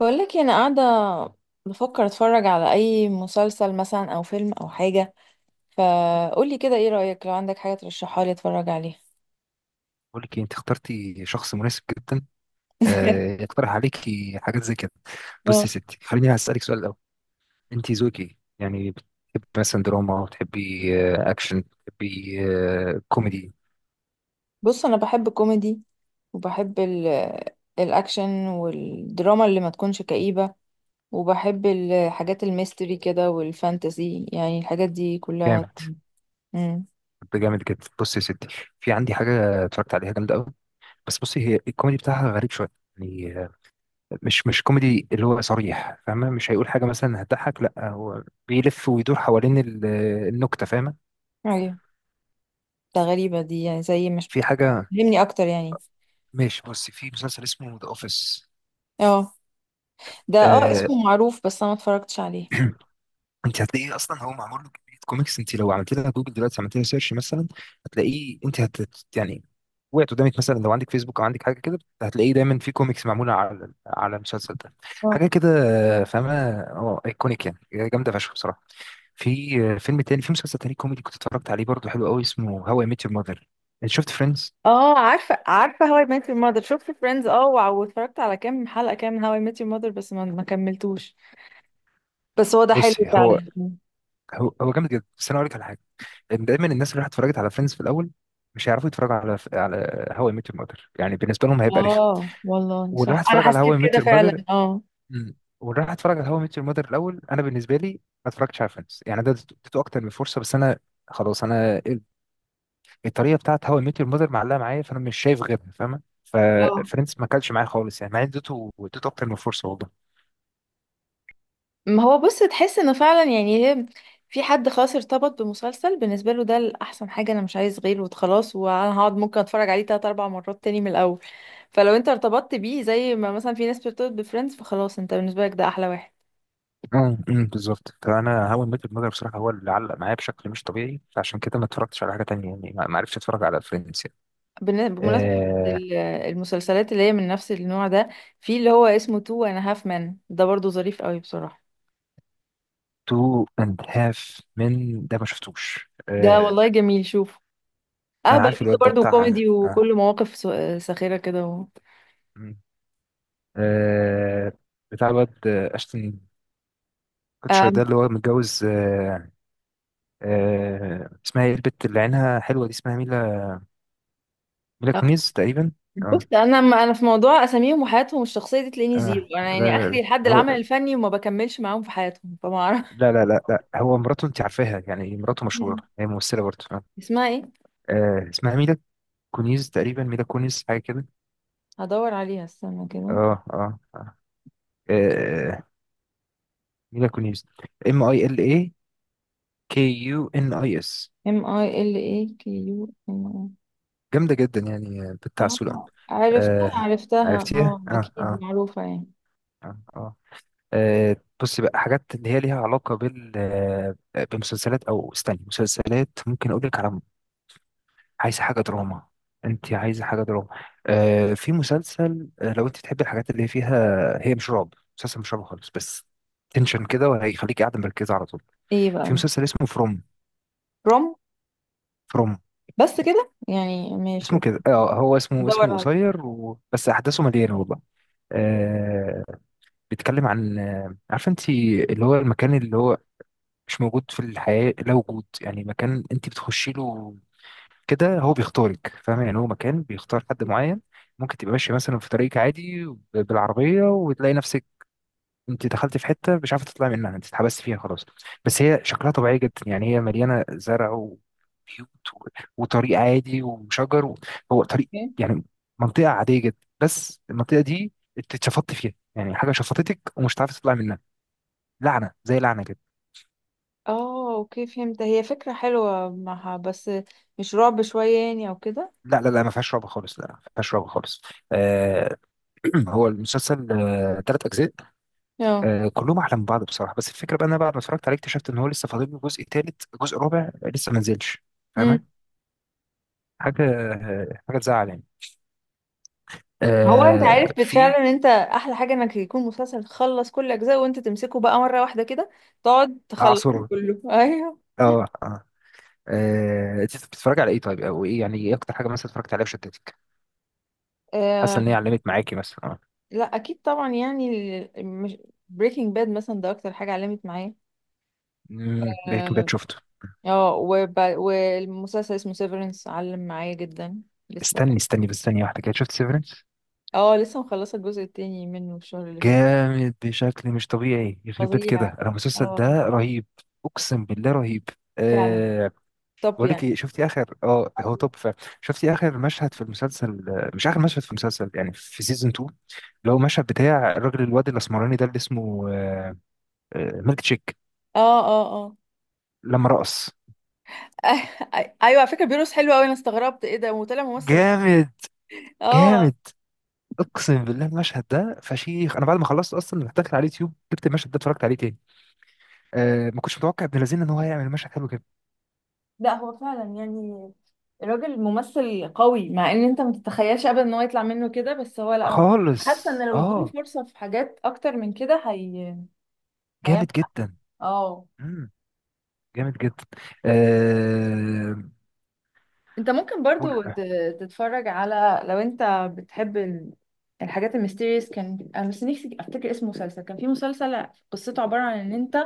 بقولك إيه، انا قاعده بفكر اتفرج على اي مسلسل مثلا او فيلم او حاجه. فقولي كده، ايه رايك لو عندك حاجه ترشحها لي اتفرج عليها؟ بقول لك إيه، انت اخترتي شخص مناسب جدا. يقترح عليكي حاجات زي كده. بصي اه. يا ستي، خليني هسألك سؤال الأول. انت ذوقك ايه؟ يعني بتحبي مثلا دراما، بتحبي اكشن، بتحبي كوميدي؟ بص انا بحب الكوميدي، وبحب الاكشن والدراما اللي ما تكونش كئيبه، وبحب الحاجات الميستري كده والفانتزي، يعني الحاجات دي كلها. جامد. امم ده جامد جدا. بصي يا ستي، في عندي حاجة اتفرجت عليها جامدة قوي، بس بصي، هي الكوميدي بتاعها غريب شوية. يعني مش كوميدي اللي هو صريح، فاهمة؟ مش هيقول حاجة مثلا هتضحك، لا، هو بيلف ويدور حوالين النكتة، فاهمة؟ ايوه، ده غريبه دي، يعني زي مش... في حاجة. فهمني اكتر يعني. ماشي، بصي، في مسلسل اسمه ذا اوفيس. اه، ده آه، اسمه معروف بس انا ما اتفرجتش عليه. انت هتلاقيه اصلا، هو معمول له كميه كوميكس، انت لو عملت لها جوجل دلوقتي، عملت لها سيرش مثلا، هتلاقيه. انت هت يعني وقعت قدامك مثلا لو عندك فيسبوك او عندك حاجه كده، هتلاقيه دايما في كوميكس معموله على المسلسل ده. حاجه كده. فاهمه. اه، ايكونيك يعني. جامده فشخ بصراحه. في فيلم تاني، في مسلسل تاني كوميدي كنت اتفرجت عليه برضه، حلو قوي، اسمه هاو اي ميت يور ماذر. شفت فريندز؟ اه عارفه عارفه هاو اي ميت يور ماذر، شفت فريندز. اه، واتفرجت على كام حلقه، كام من هاو اي ميت يور ماذر بس ما كملتوش. بس هو ده حلو بص، هو فعلا. هو هو جامد جدا، بس انا اقول لك على حاجه. دايما الناس اللي راحت اتفرجت على فريندز في الاول مش هيعرفوا يتفرجوا على هاو اي ميت يور ماذر، يعني بالنسبه لهم هيبقى رخم. اه والله واللي راح صح، انا اتفرج على هاو حسيت اي ميت كده يور ماذر فعلا، اه. واللي راح اتفرج على هاو اي ميت يور ماذر الاول، انا بالنسبه لي ما اتفرجتش على فريندز، يعني ده اديته اكتر من فرصه، بس انا خلاص، انا الطريقه بتاعت هاو اي ميت يور ماذر معلقه معايا، فانا مش شايف غيرها، فاهمه؟ اه، ففريندز ما كلش معايا خالص، يعني مع إني اديته اكتر من فرصه والله. ما هو بص تحس انه فعلا يعني هي في حد خلاص ارتبط بمسلسل، بالنسبه له ده الاحسن حاجه، انا مش عايز غيره وخلاص، وانا هقعد ممكن اتفرج عليه تلات اربع مرات تاني من الاول. فلو انت ارتبطت بيه زي ما مثلا في ناس بترتبط بفريندز، فخلاص انت بالنسبه لك ده احلى واحد. أمم، بالظبط، فانا هاو اي ميت يور ماذر بصراحه هو اللي علق معايا بشكل مش طبيعي، فعشان كده ما اتفرجتش على حاجه تانية، يعني ما عرفتش اتفرج على فريندز. بمناسبة آه... المسلسلات اللي هي من نفس النوع ده، في اللي هو اسمه تو انا هاف مان، ده برضو ظريف قوي بصراحة. تو اند هاف من، ده ما شفتوش. ده والله جميل. شوف انا اهبل عارف فيه! ده الواد ده، برضو بتاع كوميدي وكله مواقف ساخرة كده و... مم. آه... بتاع الواد اشتن كوتشر، آم، ده اللي هو متجوز. اسمها ايه البت اللي عينها حلوة دي؟ اسمها ميلا، ميلا آه، كونيز تقريبا. بص اه انا في موضوع اساميهم وحياتهم الشخصية دي تلاقيني زيرو، اه. انا لا يعني لا اخري لا، لحد هو العمل الفني وما بكملش معاهم في حياتهم فما اعرف. لا لا لا لا، هو مراته انت عارفاها، يعني مراته مشهورة، مم. هي ممثلة برضه. اسمها ايه؟ اسمها ميلا كونيز تقريبا، ميلا كونيز حاجة كده. هدور عليها استنى كده. اه اه آه. آه، ميلا كونيس. ام اي ال اي، كي يو ان اي اس. ام اي ال اي كيو ام. جامده جدا، يعني بتاع اه سولان. عرفتها آه، عرفتها، عرفتيها، اه اه اكيد اه. معروفة يعني. اه اه. آه، بصي بقى، حاجات اللي هي ليها علاقه بال بمسلسلات، او استني، مسلسلات ممكن اقول لك على، عايزه حاجه دراما؟ انت عايزه حاجه دراما؟ آه، في مسلسل لو انت تحبي الحاجات اللي فيها، هي مش رعب، مسلسل مش رعب خالص، بس تنشن كده، وهيخليك قاعده مركزه على طول. ايه بقى في ده؟ مسلسل اسمه بروم. فروم. بس كده يعني، اسمه ماشي. كده، اه، هو اسمه بدور على. قصير، و... بس احداثه مليانه والله. آه، بيتكلم عن عارفه انت، اللي هو المكان اللي هو مش موجود في الحياه، لا وجود، يعني مكان انت بتخشي له كده، هو بيختارك، فاهمه؟ يعني هو مكان بيختار حد معين. ممكن تبقى ماشيه مثلا في طريقك عادي ب- بالعربيه، وتلاقي نفسك انت دخلت في حته مش عارفه تطلعي منها، انت اتحبست فيها خلاص. بس هي شكلها طبيعي جدا، يعني هي مليانه زرع وبيوت و- وطريق عادي وشجر و- هو طريق اوكي. يعني منطقه عاديه جدا، بس المنطقه دي انت اتشفطت فيها، يعني حاجه شفطتك ومش عارفه تطلعي منها. لعنه، زي لعنه كده. اه اوكي فهمت، هي فكرة حلوة معها بس مش رعب شوية يعني او كده؟ لا لا لا، ما فيهاش رعب خالص، لا، ما فيهاش رعب خالص. آه. هو المسلسل آه ثلاث اجزاء، اه. آه كلهم احلى من بعض بصراحه. بس الفكره بقى، إن انا بعد ما اتفرجت عليه اكتشفت ان هو لسه فاضل له جزء ثالث جزء رابع لسه ما نزلش، فاهمة؟ امم حاجة حاجة تزعل يعني. هو انت آه، عارف في فعلا ان انت احلى حاجة انك يكون مسلسل تخلص كل اجزاء وانت تمسكه بقى مرة واحدة كده، تقعد تخلص أعصر. كله. ايوه. اه اه. انت بتتفرج على ايه طيب؟ او ايه يعني، ايه اكتر حاجه مثلا اتفرجت عليها وشدتك، حاسه آه ان هي علمت معاكي مثلا؟ اه. لا اكيد طبعا يعني، مش بريكنج باد مثلا ده اكتر حاجة علمت معايا. امم، بريكنج باد اه، شفته. والمسلسل اسمه سيفرنس علم معايا جدا، لسه. استني بس ثانيه واحده كده، شفت سيفرنس؟ اه، لسه مخلصة الجزء التاني منه الشهر اللي فات. جامد بشكل مش طبيعي، يخرب بيت كده، فظيع. انا المسلسل ده اه، رهيب، اقسم بالله رهيب. فعلا. آه، طب بقول لك يعني... ايه، شفتي اخر، اه هو توب فعلا، شفتي اخر مشهد في المسلسل مش اخر مشهد في المسلسل يعني، في سيزون 2، اللي هو المشهد بتاع الراجل الواد الاسمراني ده، اللي اسمه ميلك تشيك، اه اه اه. لما رقص. ايوه، على فكرة بيروس حلو قوي، انا استغربت ايه ده! وطلع ممثل. جامد. اه. جامد اقسم بالله. المشهد ده فشيخ، انا بعد ما خلصت اصلا رحت داخل على اليوتيوب، جبت المشهد ده اتفرجت عليه تاني. أه ما كنتش متوقع ابن لذين ان هو هيعمل مشهد حلو كده لا هو فعلا يعني الراجل ممثل قوي، مع ان انت ما تتخيلش ابدا ان هو يطلع منه كده، بس هو لا هو- خالص. حاسه ان لو اديله اه فرصه في حاجات اكتر من كده هي هيعمل. جامد جدا. اه. امم جامد جدا. أه انت ممكن قول- برضو تتفرج على، لو انت بتحب الحاجات الميستيريس. كان انا بس نفسي افتكر اسم مسلسل، كان في مسلسل قصته عبارة عن ان انت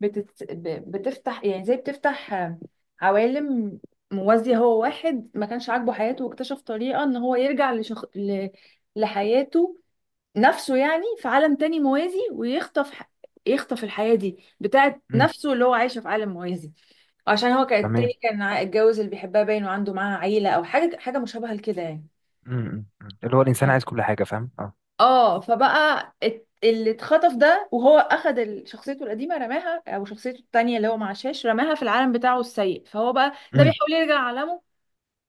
بتفتح يعني زي بتفتح عوالم موازية. هو واحد ما كانش عاجبه حياته واكتشف طريقة ان هو يرجع لحياته نفسه يعني في عالم تاني موازي، ويخطف يخطف الحياة دي بتاعت مم، نفسه اللي هو عايشه في عالم موازي. عشان هو كان التاني تمام. كان اتجوز اللي بيحبها باين وعنده معاها عيلة او حاجة، حاجة مشابهة لكده يعني. أمم. اللي هو الانسان اه عايز كل حاجه، فاهم؟ اه. اه. فبقى اللي اتخطف ده وهو اخد شخصيته القديمه رماها، او شخصيته التانية اللي هو مع شاش رماها في العالم بتاعه السيء، فهو بقى ده امم. بيحاول يرجع عالمه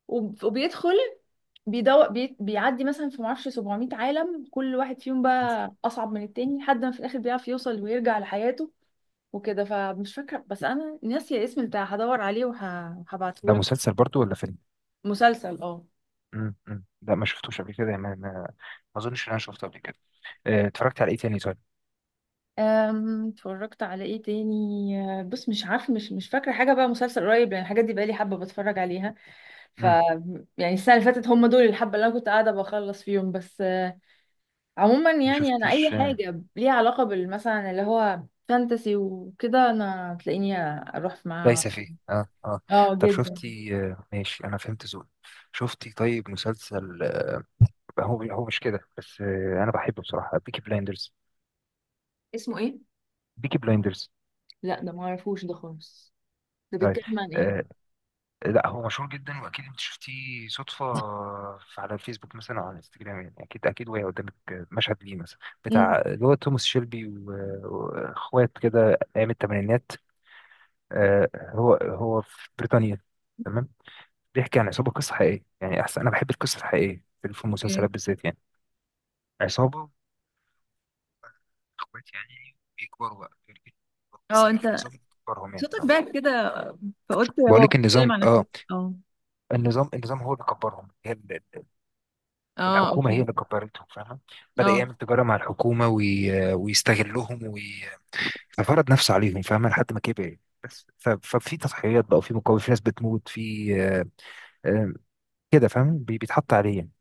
وبيدخل، بيدور بيعدي مثلا في معرفش 700 عالم، كل واحد فيهم بقى أصعب من التاني لحد ما في الآخر بيعرف يوصل ويرجع لحياته وكده. فمش فاكرة، بس أنا ناسية اسم بتاع، هدور عليه ده وهبعتهولك. مسلسل برضو ولا فيلم؟ مسلسل اه. أمم. لا ما شفتوش قبل كده، ما اظنش ان انا شفته قبل كده. اتفرجت على ايه تاني طيب؟ اتفرجت على ايه تاني؟ بص مش عارفة، مش مش فاكرة حاجة بقى مسلسل قريب، لأن الحاجات دي بقالي حبة بتفرج عليها، ف امم. يعني السنة اللي فاتت هم دول الحبة اللي أنا كنت قاعدة بخلص فيهم بس. عموما ما يعني انا شفتيش اي حاجه ليها علاقه بالمثلا اللي هو فانتسي وكده انا تلاقيني اروح معاها. ليس فيه؟ اه اه. اه طب جدا. شفتي ماشي، انا فهمت ذوقك. شفتي طيب مسلسل هو مش كده بس، انا بحبه بصراحه، بيكي بلايندرز. اسمه ايه؟ بيكي بلايندرز. لا ده ما اعرفوش ده خالص، ده طيب. بيتكلم عن ايه؟ آه، لا هو مشهور جدا، واكيد انت شفتيه صدفه في- على الفيسبوك مثلا او على الانستجرام، يعني اكيد اكيد وهي قدامك مشهد ليه مثلا، مم. بتاع اللي هو توماس شيلبي و- واخوات كده، ايام الثمانينات. هو في بريطانيا، تمام. بيحكي عن عصابه، قصه حقيقيه يعني، احسن انا بحب القصه الحقيقيه في اوكي. المسلسلات بالذات يعني. عصابه، اخوات يعني، بيكبروا بقى، بس اه انت النظام اللي كبرهم يعني، صوتك اه. باك كده، فقلت بقول هو لك بيتكلم النظام، عن اه، افلام. اه النظام هو اللي كبرهم، هي اه الحكومة هي اوكي. اللي كبرتهم، فاهمة؟ بدأ اه يعمل تجارة مع الحكومة وي... ويستغلهم وي... ففرض نفسه عليهم، فاهمة؟ لحد ما كبر. بس ف... ففي تضحيات بقى، وفي مقاومة، في ناس بتموت في آه، كده فاهم، بي... بيتحط عليه يعني،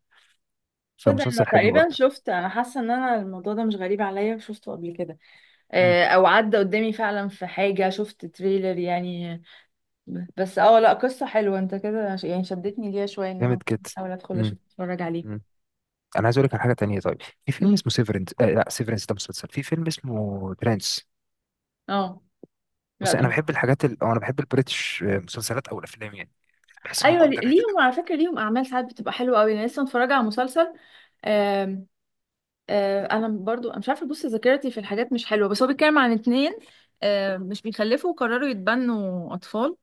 تصدق انا فمسلسل حلو تقريبا برضه. شفت، انا حاسه ان انا الموضوع ده مش غريب عليا شفته قبل كده، مم. او عدى قدامي فعلا في حاجه، شفت تريلر يعني. بس اه لا قصة حلوة، انت كده يعني شدتني ليها شوية ان انا جامد كده. احاول ادخل مم. اشوف اتفرج مم. عليه. أنا عايز أقول لك على حاجة تانية طيب. في فيلم مم. اسمه سيفرنس، آه لا سيفرنس ده مسلسل، في فيلم اسمه ترانس. اه. لا بص ده أنا بحب مش- الحاجات ال... أو أنا بحب البريتش مسلسلات أو الأفلام يعني، بحس إنهم ايوه، أندر ريتد ليهم أوي. على فكرة ليهم اعمال ساعات بتبقى حلوة قوي، انا لسه متفرجة على مسلسل. آم، انا برضو أنا مش عارفة، بص ذاكرتي في الحاجات مش حلوة، بس هو بيتكلم عن اتنين مش بيخلفوا وقرروا يتبنوا اطفال.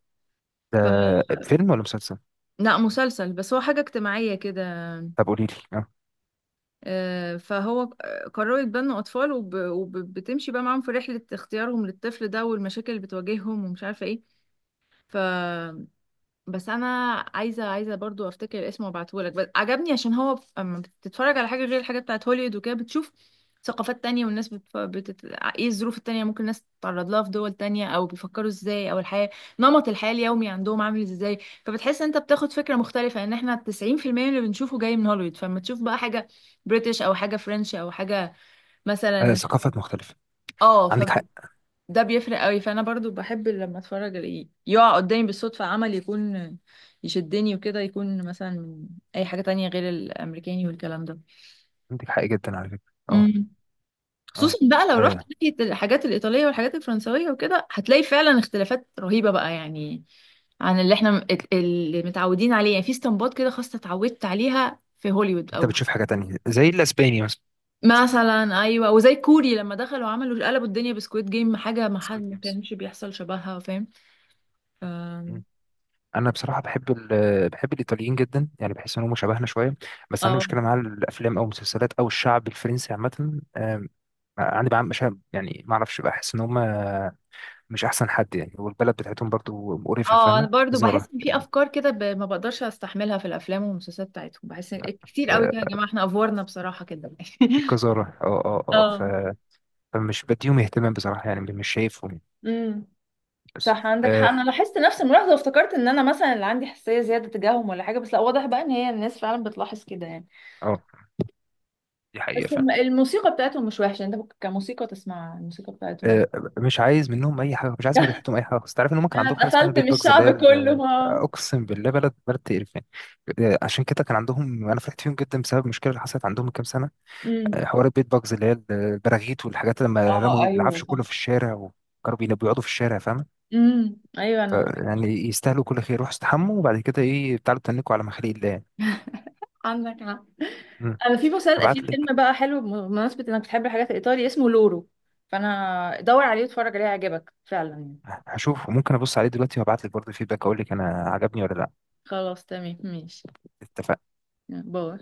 ده ف فيلم ولا مسلسل؟ لا مسلسل، بس هو حاجة اجتماعية كده. طب قولي لي. فهو قرروا يتبنوا أطفال، وبتمشي بقى معاهم في رحلة اختيارهم للطفل ده والمشاكل اللي بتواجههم ومش عارفة ايه. ف بس انا عايزه برضو افتكر اسمه وابعتهولك، بس عجبني عشان هو اما بتتفرج على حاجه غير الحاجه بتاعت هوليوود وكده بتشوف ثقافات تانية، والناس ايه الظروف التانية ممكن الناس تتعرض لها في دول تانية، او بيفكروا ازاي، او الحياة، نمط الحياة اليومي عندهم عامل ازاي. فبتحس انت بتاخد فكرة مختلفة ان احنا 90% من اللي بنشوفه جاي من هوليوود، فلما تشوف بقى حاجة بريتش او حاجة فرنش او حاجة مثلا. ثقافات مختلفة، اه عندك حق. ده بيفرق قوي، فانا برضو بحب لما اتفرج الاقيه يقع قدامي بالصدفة عمل، يكون يشدني وكده، يكون مثلا من اي حاجة تانية غير الامريكاني والكلام ده. عندك حق جدا على فكرة. اه امم. اه. خصوصا بقى لو رحت آه، ناحية الحاجات الايطالية والحاجات الفرنسوية وكده هتلاقي فعلا اختلافات رهيبة بقى يعني، عن اللي احنا اللي متعودين عليه يعني في استنباط كده، خاصة اتعودت عليها في هوليوود انت او. بتشوف حاجة تانية زي الاسباني مثلا. مثلا ايوه، وزي كوري لما دخلوا عملوا قلبوا الدنيا بسكويد جيم، حاجة ما حد سكويد ما جيمز. كانش بيحصل شبهها فاهم. ف- انا بصراحة بحب ال... بحب الايطاليين جدا، يعني بحس ان هم شبهنا شوية، بس عندي اه مشكلة مع الافلام او المسلسلات او الشعب الفرنسي عامة. عندي بقى مش، يعني ما اعرفش، بحس ان هم مش احسن حد يعني، والبلد بتاعتهم برضو مقرفة، اه انا فاهمة؟ برضو بحس قذارة ان في يعني. افكار كده ما بقدرش استحملها في الافلام والمسلسلات بتاعتهم، بحس إن كتير قوي، آه، كده يا جماعه احنا افورنا بصراحه كده. في قذارة، اه اه اه اه. ف- فمش بديهم اهتمام بصراحة، يعني مش شايفهم يعني. امم. بس، صح، عندك حق، اه. انا لاحظت نفس الملاحظه وافتكرت ان انا مثلا اللي عندي حساسيه زياده تجاههم ولا حاجه، بس لا، واضح بقى ان هي الناس فعلا بتلاحظ كده يعني. آه. دي حقيقة بس فعلا. الموسيقى بتاعتهم مش وحشه، انت ممكن كموسيقى تسمع الموسيقى بتاعتهم. آه، مش عايز منهم أي حاجة، مش عايز من ريحتهم أي حاجة، بس تعرف إن هم كان انا عندهم حاجة اسمها اتقفلت من بيت باجز اللي الشعب هي ال- كله، اه. أقسم بالله، بلد تقرفان. عشان كده كان عندهم، أنا فرحت فيهم جدا بسبب المشكلة اللي حصلت عندهم من كام سنة. امم. حوار البيت باجز اللي هي البراغيث والحاجات، لما اه رموا ايوه العفش صح. كله في الشارع وكانوا بينا- بيقعدوا في الشارع، فاهم؟ ايوه ف- انا. يعني يستاهلوا كل خير، روحوا استحموا وبعد كده إيه تعالوا تنكوا على مخالق الله يعني. عندك حق. مم. انا في مسل... في هبعت لك. فيلم بقى حلو بمناسبة انك بتحب الحاجات الايطالي اسمه لورو، فانا دور عليه واتفرج عليه هيعجبك فعلا يعني. هشوف، وممكن أبص عليه دلوقتي، وهبعت لك برضه فيدباك أقول لك أنا عجبني ولا لأ. خلاص تمام ماشي. اتفقنا. باي.